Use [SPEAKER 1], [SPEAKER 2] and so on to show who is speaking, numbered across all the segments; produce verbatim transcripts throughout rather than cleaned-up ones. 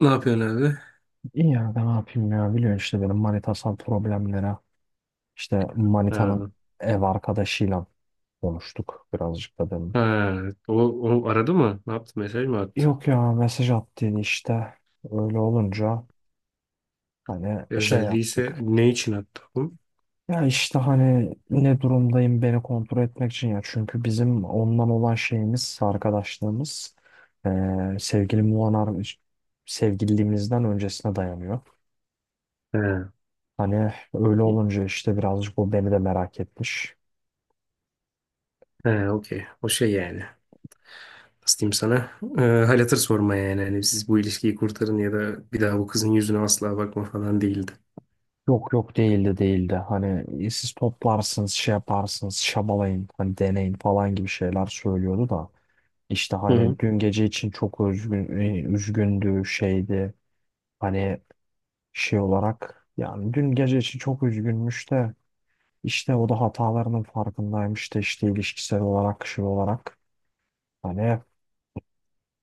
[SPEAKER 1] Ne yapıyorsun abi?
[SPEAKER 2] İyi ya, ben ne yapayım ya. Biliyorsun işte benim manitasal problemlere, işte
[SPEAKER 1] Ha,
[SPEAKER 2] manitanın ev arkadaşıyla konuştuk birazcık da dedim.
[SPEAKER 1] ha. O, o aradı mı? Ne yaptı? Mesaj mı attı?
[SPEAKER 2] Yok ya, mesaj attın işte, öyle olunca hani
[SPEAKER 1] E,
[SPEAKER 2] şey
[SPEAKER 1] Özelliği ise
[SPEAKER 2] yaptık.
[SPEAKER 1] ne için attı bu?
[SPEAKER 2] Ya işte hani ne durumdayım, beni kontrol etmek için ya, çünkü bizim ondan olan şeyimiz, arkadaşlığımız, eee sevgili Muanar, sevgililiğimizden öncesine dayanıyor.
[SPEAKER 1] Ha.
[SPEAKER 2] Hani öyle olunca işte birazcık o beni de merak etmiş.
[SPEAKER 1] Ha, okey. O şey yani. Nasıl diyeyim sana? Ee, hal hatır sorma yani. Hani siz bu ilişkiyi kurtarın ya da bir daha bu kızın yüzüne asla bakma falan değildi.
[SPEAKER 2] Yok yok, değildi değildi. Hani, e, siz toplarsınız, şey yaparsınız, şabalayın hani, deneyin falan gibi şeyler söylüyordu da. İşte
[SPEAKER 1] Hı hı.
[SPEAKER 2] hani dün gece için çok üzgün, e, üzgündü, şeydi. Hani şey olarak yani dün gece için çok üzgünmüş de, işte o da hatalarının farkındaymış da, işte ilişkisel olarak, şey olarak. Hani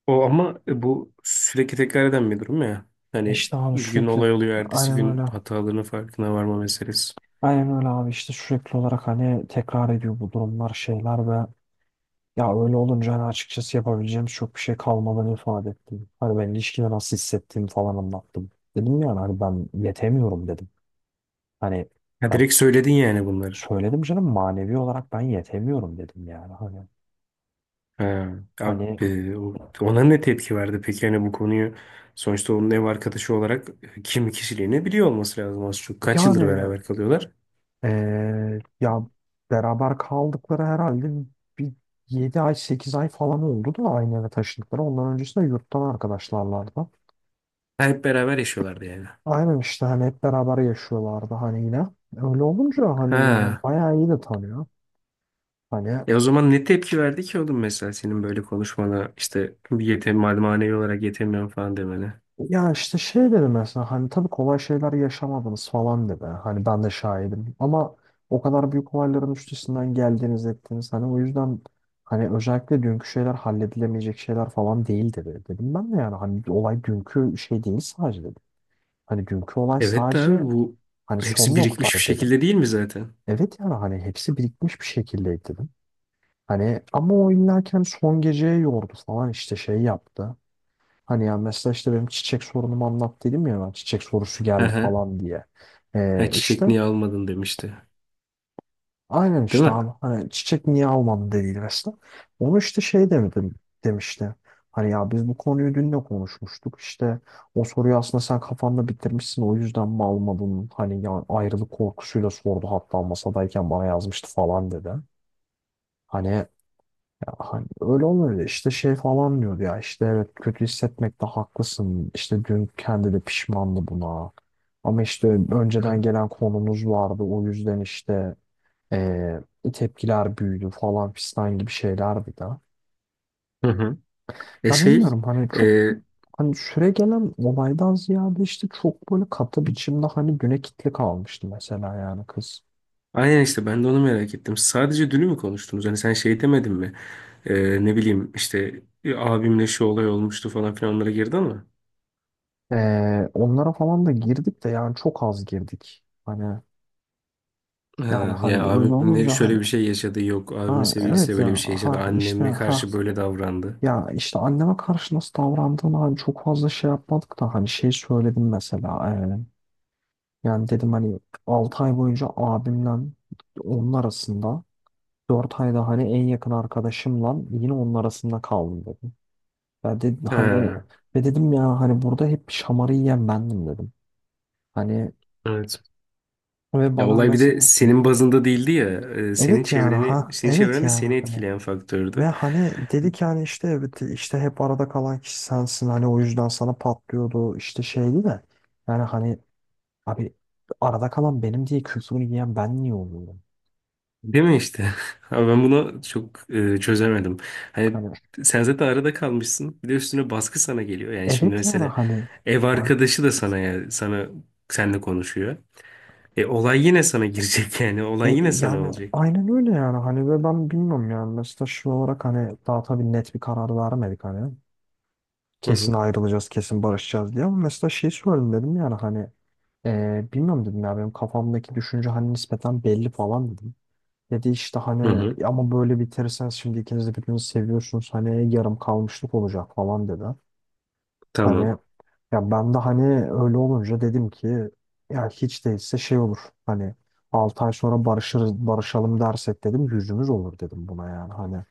[SPEAKER 1] O ama bu sürekli tekrar eden bir durum ya. Hani
[SPEAKER 2] işte hani
[SPEAKER 1] bir gün
[SPEAKER 2] sürekli,
[SPEAKER 1] olay oluyor, ertesi
[SPEAKER 2] aynen
[SPEAKER 1] gün
[SPEAKER 2] öyle.
[SPEAKER 1] hatalarının farkına varma meselesi.
[SPEAKER 2] Aynen öyle abi, işte sürekli olarak hani tekrar ediyor bu durumlar, şeyler, ve ya öyle olunca hani açıkçası yapabileceğim çok bir şey kalmadığını ifade ettim. Hani ben ilişkide nasıl hissettiğimi falan anlattım. Dedim, yani hani ben yetemiyorum dedim. Hani,
[SPEAKER 1] Ya
[SPEAKER 2] ya
[SPEAKER 1] direkt söyledin yani bunları.
[SPEAKER 2] söyledim canım, manevi olarak ben yetemiyorum dedim yani. Hani
[SPEAKER 1] Ha, abi,
[SPEAKER 2] hani
[SPEAKER 1] e, o- ona ne tepki verdi peki hani bu konuyu sonuçta onun ev arkadaşı olarak e, kimi kişiliğini biliyor olması lazım az çok. Kaç yıldır
[SPEAKER 2] yani,
[SPEAKER 1] beraber kalıyorlar?
[SPEAKER 2] eee, ya beraber kaldıkları herhalde bir yedi ay sekiz ay falan oldu da aynı eve taşındıkları. Ondan öncesinde yurttan arkadaşlarlardı.
[SPEAKER 1] Ha, hep beraber yaşıyorlardı yani.
[SPEAKER 2] Aynen, işte hani hep beraber yaşıyorlardı hani, yine. Öyle olunca hani yani
[SPEAKER 1] Ha.
[SPEAKER 2] bayağı iyi de tanıyor. Hani
[SPEAKER 1] E o zaman ne tepki verdi ki oğlum mesela senin böyle konuşmana işte yetem manevi olarak yetemiyorum falan demene.
[SPEAKER 2] ya işte şey dedi mesela, hani tabii kolay şeyler yaşamadınız falan dedi. Hani ben de şahidim, ama o kadar büyük olayların üstesinden geldiniz, ettiniz. Hani o yüzden, hani özellikle dünkü şeyler halledilemeyecek şeyler falan değil dedi. Dedim ben de, yani hani olay dünkü şey değil sadece dedim. Hani dünkü olay
[SPEAKER 1] Evet de abi
[SPEAKER 2] sadece,
[SPEAKER 1] bu
[SPEAKER 2] hani son
[SPEAKER 1] hepsi birikmiş bir
[SPEAKER 2] noktaydı dedim.
[SPEAKER 1] şekilde değil mi zaten?
[SPEAKER 2] Evet, yani hani hepsi birikmiş bir şekildeydi dedim. Hani ama o illa ki hani son geceye yordu falan, işte şey yaptı. Hani ya mesela, işte benim çiçek sorunumu anlat dedim ya, ben çiçek sorusu
[SPEAKER 1] Hı
[SPEAKER 2] geldi
[SPEAKER 1] hı.
[SPEAKER 2] falan diye.
[SPEAKER 1] Ha,
[SPEAKER 2] Ee,
[SPEAKER 1] çiçek
[SPEAKER 2] işte
[SPEAKER 1] niye almadın demişti.
[SPEAKER 2] aynen,
[SPEAKER 1] Değil
[SPEAKER 2] işte
[SPEAKER 1] mi?
[SPEAKER 2] abi hani çiçek niye almadın dediydi mesela. Onu işte şey demedim, demişti. Hani ya biz bu konuyu dün de konuşmuştuk, işte o soruyu aslında sen kafanda bitirmişsin, o yüzden mi almadın? Hani ya ayrılık korkusuyla sordu, hatta masadayken bana yazmıştı falan dedi. Hani Hani öyle olunca işte şey falan diyordu ya, işte evet kötü hissetmekte haklısın, işte dün kendi de pişmandı buna, ama işte önceden
[SPEAKER 1] Hı
[SPEAKER 2] gelen konumuz vardı, o yüzden işte eee, tepkiler büyüdü falan fistan gibi şeylerdi de.
[SPEAKER 1] hı. Hı. E
[SPEAKER 2] Ya
[SPEAKER 1] şey,
[SPEAKER 2] bilmiyorum hani,
[SPEAKER 1] e,
[SPEAKER 2] çok hani süre gelen olaydan ziyade, işte çok böyle katı biçimde hani güne kitli kalmıştı mesela yani kız.
[SPEAKER 1] Aynen işte ben de onu merak ettim. Sadece dünü mü konuştunuz? Hani sen şey demedin mi? Ee, ne bileyim işte "E, abimle şu olay olmuştu falan filan onlara girdi ama.
[SPEAKER 2] Eee, onlara falan da girdik de, yani çok az girdik. Hani, yani
[SPEAKER 1] Ha,
[SPEAKER 2] hani,
[SPEAKER 1] ya
[SPEAKER 2] öyle
[SPEAKER 1] abimle
[SPEAKER 2] olunca hani,
[SPEAKER 1] şöyle bir şey yaşadı yok. Abimin
[SPEAKER 2] ha evet
[SPEAKER 1] sevgilisiyle böyle bir
[SPEAKER 2] ya,
[SPEAKER 1] şey yaşadı.
[SPEAKER 2] ha işte,
[SPEAKER 1] Anneme
[SPEAKER 2] ha
[SPEAKER 1] karşı böyle davrandı.
[SPEAKER 2] ya işte anneme karşı nasıl davrandığını hani çok fazla şey yapmadık da, hani şey söyledim mesela, e, yani dedim hani altı ay boyunca abimle onun arasında, dört ayda hani en yakın arkadaşımla yine onun arasında kaldım dedim. Ya dedim hani,
[SPEAKER 1] Ha,
[SPEAKER 2] ve dedim ya hani burada hep şamarı yiyen bendim dedim. Hani,
[SPEAKER 1] evet.
[SPEAKER 2] ve
[SPEAKER 1] Ya
[SPEAKER 2] bana
[SPEAKER 1] olay bir de
[SPEAKER 2] mesela,
[SPEAKER 1] senin bazında değildi ya. Ee, senin
[SPEAKER 2] evet yani,
[SPEAKER 1] çevreni,
[SPEAKER 2] ha
[SPEAKER 1] senin
[SPEAKER 2] evet
[SPEAKER 1] çevren de
[SPEAKER 2] yani,
[SPEAKER 1] seni etkileyen
[SPEAKER 2] ve
[SPEAKER 1] faktördü.
[SPEAKER 2] hani dedi ki, hani işte evet, işte hep arada kalan kişi sensin, hani o yüzden sana patlıyordu, işte şeydi de, yani hani abi, arada kalan benim diye küfrünü yiyen ben niye oluyorum?
[SPEAKER 1] Değil mi işte? Abi ben bunu çok e, çözemedim. Hani
[SPEAKER 2] Hani
[SPEAKER 1] sen zaten arada kalmışsın. Bir de üstüne baskı sana geliyor. Yani şimdi
[SPEAKER 2] evet yani
[SPEAKER 1] mesela
[SPEAKER 2] hani,
[SPEAKER 1] ev
[SPEAKER 2] yani,
[SPEAKER 1] arkadaşı da sana ya sana seninle konuşuyor. E olay yine sana girecek yani.
[SPEAKER 2] e,
[SPEAKER 1] Olay yine sana
[SPEAKER 2] yani
[SPEAKER 1] olacak.
[SPEAKER 2] aynen öyle yani hani, ve ben bilmiyorum yani, mesela şu olarak hani daha tabii net bir karar vermedik hani,
[SPEAKER 1] Hı
[SPEAKER 2] kesin
[SPEAKER 1] hı.
[SPEAKER 2] ayrılacağız kesin barışacağız diye, ama mesela şey söyledim, dedim yani hani, e, bilmiyorum dedim ya, benim kafamdaki düşünce hani nispeten belli falan dedim. Dedi işte
[SPEAKER 1] Hı
[SPEAKER 2] hani
[SPEAKER 1] hı.
[SPEAKER 2] ama, böyle bitirseniz şimdi ikiniz de birbirinizi seviyorsunuz, hani yarım kalmışlık olacak falan dedi. Hani
[SPEAKER 1] Tamam.
[SPEAKER 2] ya ben de hani öyle olunca dedim ki, ya hiç değilse şey olur, hani altı ay sonra barışırız, barışalım dersek dedim, yüzümüz olur dedim buna, yani hani,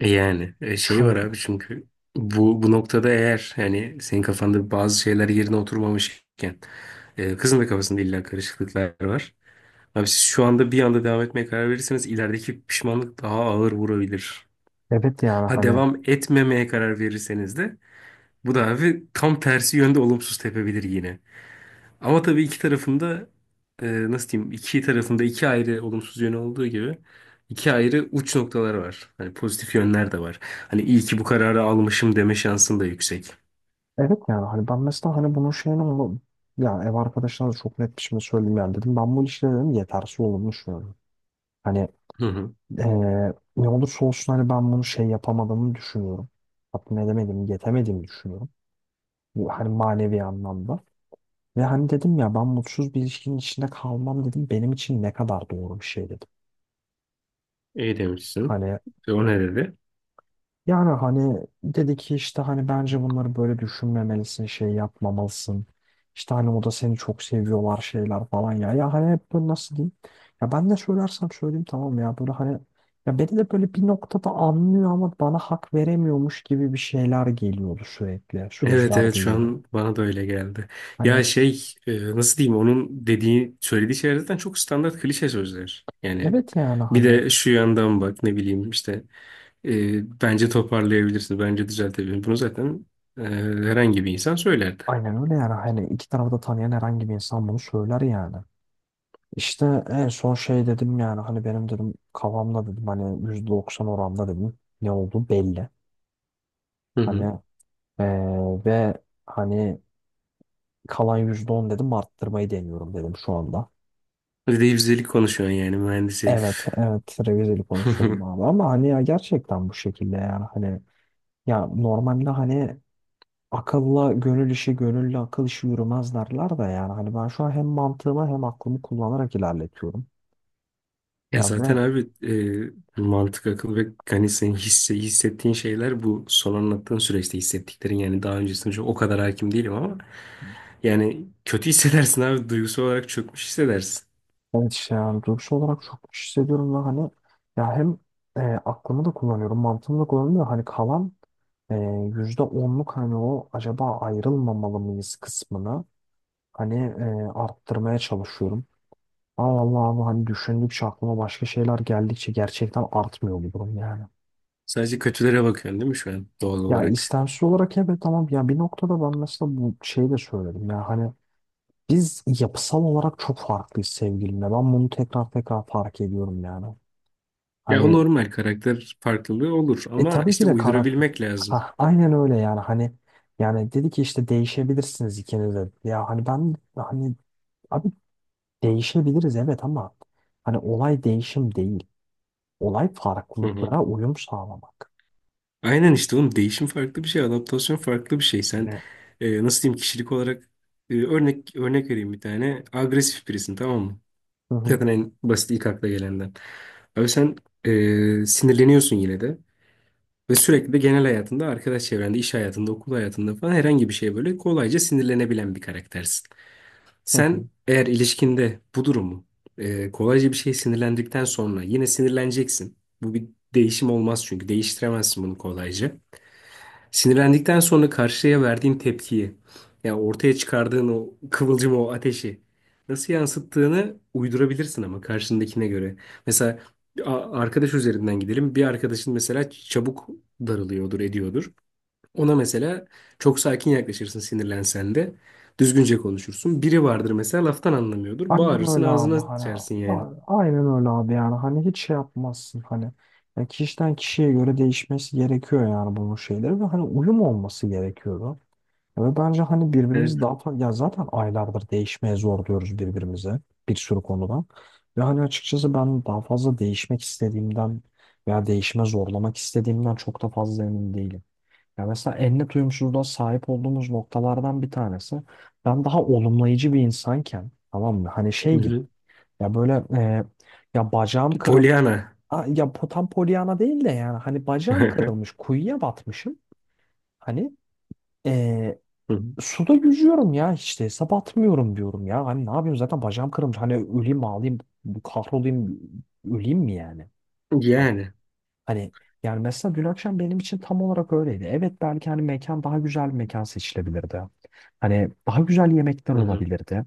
[SPEAKER 1] E yani e, şey var
[SPEAKER 2] çünkü
[SPEAKER 1] abi çünkü bu bu noktada eğer yani senin kafanda bazı şeyler yerine oturmamışken e, kızın da kafasında illa karışıklıklar var. Abi siz şu anda bir anda devam etmeye karar verirseniz ilerideki pişmanlık daha ağır vurabilir.
[SPEAKER 2] evet yani
[SPEAKER 1] Ha
[SPEAKER 2] hani,
[SPEAKER 1] devam etmemeye karar verirseniz de bu da abi tam tersi yönde olumsuz tepebilir yine. Ama tabii iki tarafında e, nasıl diyeyim iki tarafında iki ayrı olumsuz yönü olduğu gibi iki ayrı uç noktaları var. Hani pozitif yönler de var. Hani iyi ki bu kararı almışım deme şansın da yüksek.
[SPEAKER 2] evet yani hani ben mesela hani bunun şeyini, onu, yani ev arkadaşlarına da çok net bir şekilde söyleyeyim yani dedim, ben bu ilişkide dedim yetersiz olduğumu düşünüyorum. Hani,
[SPEAKER 1] Hı hı.
[SPEAKER 2] Ee, ne olursa olsun hani ben bunu şey yapamadığımı düşünüyorum. Tatmin edemedim, yetemediğimi düşünüyorum. Bu hani manevi anlamda. Ve hani dedim ya, ben mutsuz bir ilişkinin içinde kalmam dedim. Benim için ne kadar doğru bir şey dedim.
[SPEAKER 1] İyi demişsin.
[SPEAKER 2] Hani,
[SPEAKER 1] E, o ne dedi?
[SPEAKER 2] yani hani dedi ki, işte hani bence bunları böyle düşünmemelisin, şey yapmamalısın. İşte hani o da seni çok seviyorlar, şeyler falan ya. Ya hani hep böyle, nasıl diyeyim? Ya ben ne söylersem söyleyeyim tamam ya. Böyle hani, ya beni de böyle bir noktada anlıyor ama bana hak veremiyormuş gibi bir şeyler geliyordu sürekli.
[SPEAKER 1] Evet,
[SPEAKER 2] Sözler
[SPEAKER 1] evet, şu
[SPEAKER 2] duyuyordum.
[SPEAKER 1] an bana da öyle geldi.
[SPEAKER 2] Hani,
[SPEAKER 1] Ya şey e, nasıl diyeyim onun dediği söylediği şeyler zaten çok standart klişe sözler. Yani
[SPEAKER 2] evet yani
[SPEAKER 1] bir
[SPEAKER 2] hani,
[SPEAKER 1] de şu yandan bak ne bileyim işte e, bence toparlayabilirsin bence düzeltebilirsin. Bunu zaten e, herhangi bir insan söylerdi.
[SPEAKER 2] aynen öyle yani. Hani iki tarafı da tanıyan herhangi bir insan bunu söyler yani. İşte en son şey dedim yani hani, benim dedim kafamda dedim hani yüzde doksan oranda dedim ne oldu belli.
[SPEAKER 1] Hı
[SPEAKER 2] Hani,
[SPEAKER 1] hı.
[SPEAKER 2] eee, ve hani kalan yüzde on dedim arttırmayı deniyorum dedim şu anda.
[SPEAKER 1] Bir de yüzdelik konuşuyorsun yani mühendis
[SPEAKER 2] Evet
[SPEAKER 1] herif.
[SPEAKER 2] evet, revizeli konuşuyorum abi, ama hani ya gerçekten bu şekilde yani hani, ya normalde hani akılla gönül işi, gönüllü akıl işi yürümez derler de, yani hani ben şu an hem mantığımı hem aklımı kullanarak ilerletiyorum
[SPEAKER 1] Ya
[SPEAKER 2] yani.
[SPEAKER 1] zaten
[SPEAKER 2] Ve
[SPEAKER 1] abi e, mantık, akıl ve hani senin hisse, hissettiğin şeyler bu son anlattığın süreçte hissettiklerin yani daha öncesinde çok o kadar hakim değilim ama yani kötü hissedersin abi. Duygusal olarak çökmüş hissedersin.
[SPEAKER 2] evet, işte yani duygusal olarak çok hissediyorum, ve hani ya hem e, aklımı da kullanıyorum, mantığımı da kullanıyorum, hani kalan e, yüzde onluk hani o acaba ayrılmamalı mıyız kısmını hani e, arttırmaya çalışıyorum. Ama vallahi abi hani düşündükçe, aklıma başka şeyler geldikçe gerçekten artmıyor bu durum yani.
[SPEAKER 1] Sadece kötülere bakıyorsun değil mi şu an doğal
[SPEAKER 2] Ya
[SPEAKER 1] olarak?
[SPEAKER 2] istemsiz olarak evet, tamam ya, bir noktada ben mesela bu şeyi de söyledim ya hani, biz yapısal olarak çok farklıyız sevgilimle, ben bunu tekrar tekrar fark ediyorum yani.
[SPEAKER 1] Ya o
[SPEAKER 2] Hani,
[SPEAKER 1] normal karakter farklılığı olur
[SPEAKER 2] e
[SPEAKER 1] ama
[SPEAKER 2] tabii ki
[SPEAKER 1] işte
[SPEAKER 2] de karakter.
[SPEAKER 1] uydurabilmek lazım.
[SPEAKER 2] Ha, aynen öyle yani hani, yani dedi ki işte değişebilirsiniz ikiniz de. Ya hani ben hani, abi değişebiliriz evet, ama hani olay değişim değil. Olay
[SPEAKER 1] Hı hı.
[SPEAKER 2] farklılıklara uyum sağlamak.
[SPEAKER 1] Aynen işte oğlum değişim farklı bir şey, adaptasyon farklı bir şey. Sen
[SPEAKER 2] Hani.
[SPEAKER 1] e, nasıl diyeyim kişilik olarak e, örnek örnek vereyim bir tane. Agresif birisin, tamam mı?
[SPEAKER 2] Hı hı,
[SPEAKER 1] Zaten en basit ilk akla gelenden. Abi sen e, sinirleniyorsun yine de. Ve sürekli de genel hayatında, arkadaş çevrende, iş hayatında, okul hayatında falan herhangi bir şeye böyle kolayca sinirlenebilen bir karaktersin.
[SPEAKER 2] hı hı.
[SPEAKER 1] Sen eğer ilişkinde bu durumu e, kolayca bir şeye sinirlendikten sonra yine sinirleneceksin. Bu bir değişim olmaz çünkü değiştiremezsin bunu kolayca. Sinirlendikten sonra karşıya verdiğin tepkiyi, yani ortaya çıkardığın o kıvılcım, o ateşi nasıl yansıttığını uydurabilirsin ama karşındakine göre. Mesela a- arkadaş üzerinden gidelim. Bir arkadaşın mesela çabuk darılıyordur, ediyordur. Ona mesela çok sakin yaklaşırsın sinirlensen de. Düzgünce konuşursun. Biri vardır mesela laftan anlamıyordur.
[SPEAKER 2] Aynen
[SPEAKER 1] Bağırırsın,
[SPEAKER 2] öyle
[SPEAKER 1] ağzına
[SPEAKER 2] abi hani, a-
[SPEAKER 1] sıçarsın yani.
[SPEAKER 2] aynen öyle abi yani hani hiç şey yapmazsın hani, ya kişiden kişiye göre değişmesi gerekiyor yani bunun şeyleri, ve hani uyum olması gerekiyor, ve bence hani
[SPEAKER 1] Evet.
[SPEAKER 2] birbirimizi daha fazla, ya zaten aylardır değişmeye zor diyoruz birbirimize bir sürü konuda. Ve hani açıkçası ben daha fazla değişmek istediğimden veya değişime zorlamak istediğimden çok da fazla emin değilim. Ya mesela en net uyumsuzluğa sahip olduğumuz noktalardan bir tanesi, ben daha olumlayıcı bir insanken, tamam mı? Hani
[SPEAKER 1] Hı
[SPEAKER 2] şey gibi,
[SPEAKER 1] hı.
[SPEAKER 2] ya böyle e, ya, bacağım kırıl
[SPEAKER 1] Polyana.
[SPEAKER 2] aa, ya po- tam polyana değil de, yani hani bacağım
[SPEAKER 1] Hı
[SPEAKER 2] kırılmış, kuyuya batmışım, hani ee,
[SPEAKER 1] hı.
[SPEAKER 2] suda yüzüyorum ya, işte hesap atmıyorum diyorum ya. Hani ne yapayım, zaten bacağım kırılmış. Hani öleyim mi, ağlayayım, kahrolayım, öleyim mi yani? Hani,
[SPEAKER 1] Yani.
[SPEAKER 2] hani yani mesela dün akşam benim için tam olarak öyleydi. Evet belki hani mekan, daha güzel bir mekan seçilebilirdi. Hani daha güzel yemekler
[SPEAKER 1] Hı hı.
[SPEAKER 2] olabilirdi.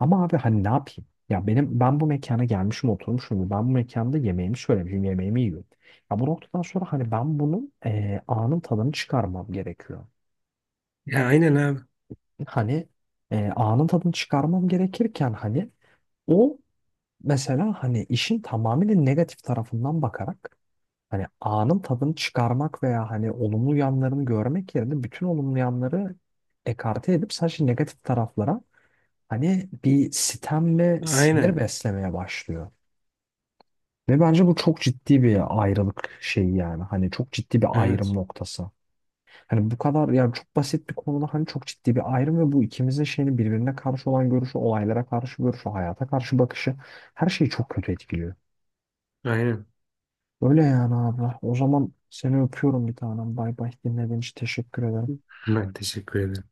[SPEAKER 2] Ama abi hani ne yapayım? Ya benim, ben bu mekana gelmişim, oturmuşum. Ben bu mekanda yemeğimi söylemişim, yemeğimi yiyorum. Ya bu noktadan sonra hani ben bunun eee anın tadını çıkarmam gerekiyor.
[SPEAKER 1] Ya aynen abi.
[SPEAKER 2] Hani e, anın tadını çıkarmam gerekirken, hani o mesela hani işin tamamıyla negatif tarafından bakarak hani anın tadını çıkarmak veya hani olumlu yanlarını görmek yerine, bütün olumlu yanları ekarte edip sadece negatif taraflara hani bir sitem ve sinir
[SPEAKER 1] Aynen.
[SPEAKER 2] beslemeye başlıyor. Ve bence bu çok ciddi bir ayrılık şeyi yani. Hani çok ciddi bir ayrım
[SPEAKER 1] Evet.
[SPEAKER 2] noktası. Hani bu kadar yani, çok basit bir konuda hani çok ciddi bir ayrım, ve bu ikimizin şeyini, birbirine karşı olan görüşü, olaylara karşı görüşü, hayata karşı bakışı, her şeyi çok kötü etkiliyor.
[SPEAKER 1] Aynen.
[SPEAKER 2] Öyle yani abla. O zaman seni öpüyorum bir tanem. Bay bay. Dinlediğin için teşekkür ederim.
[SPEAKER 1] Ben teşekkür ederim.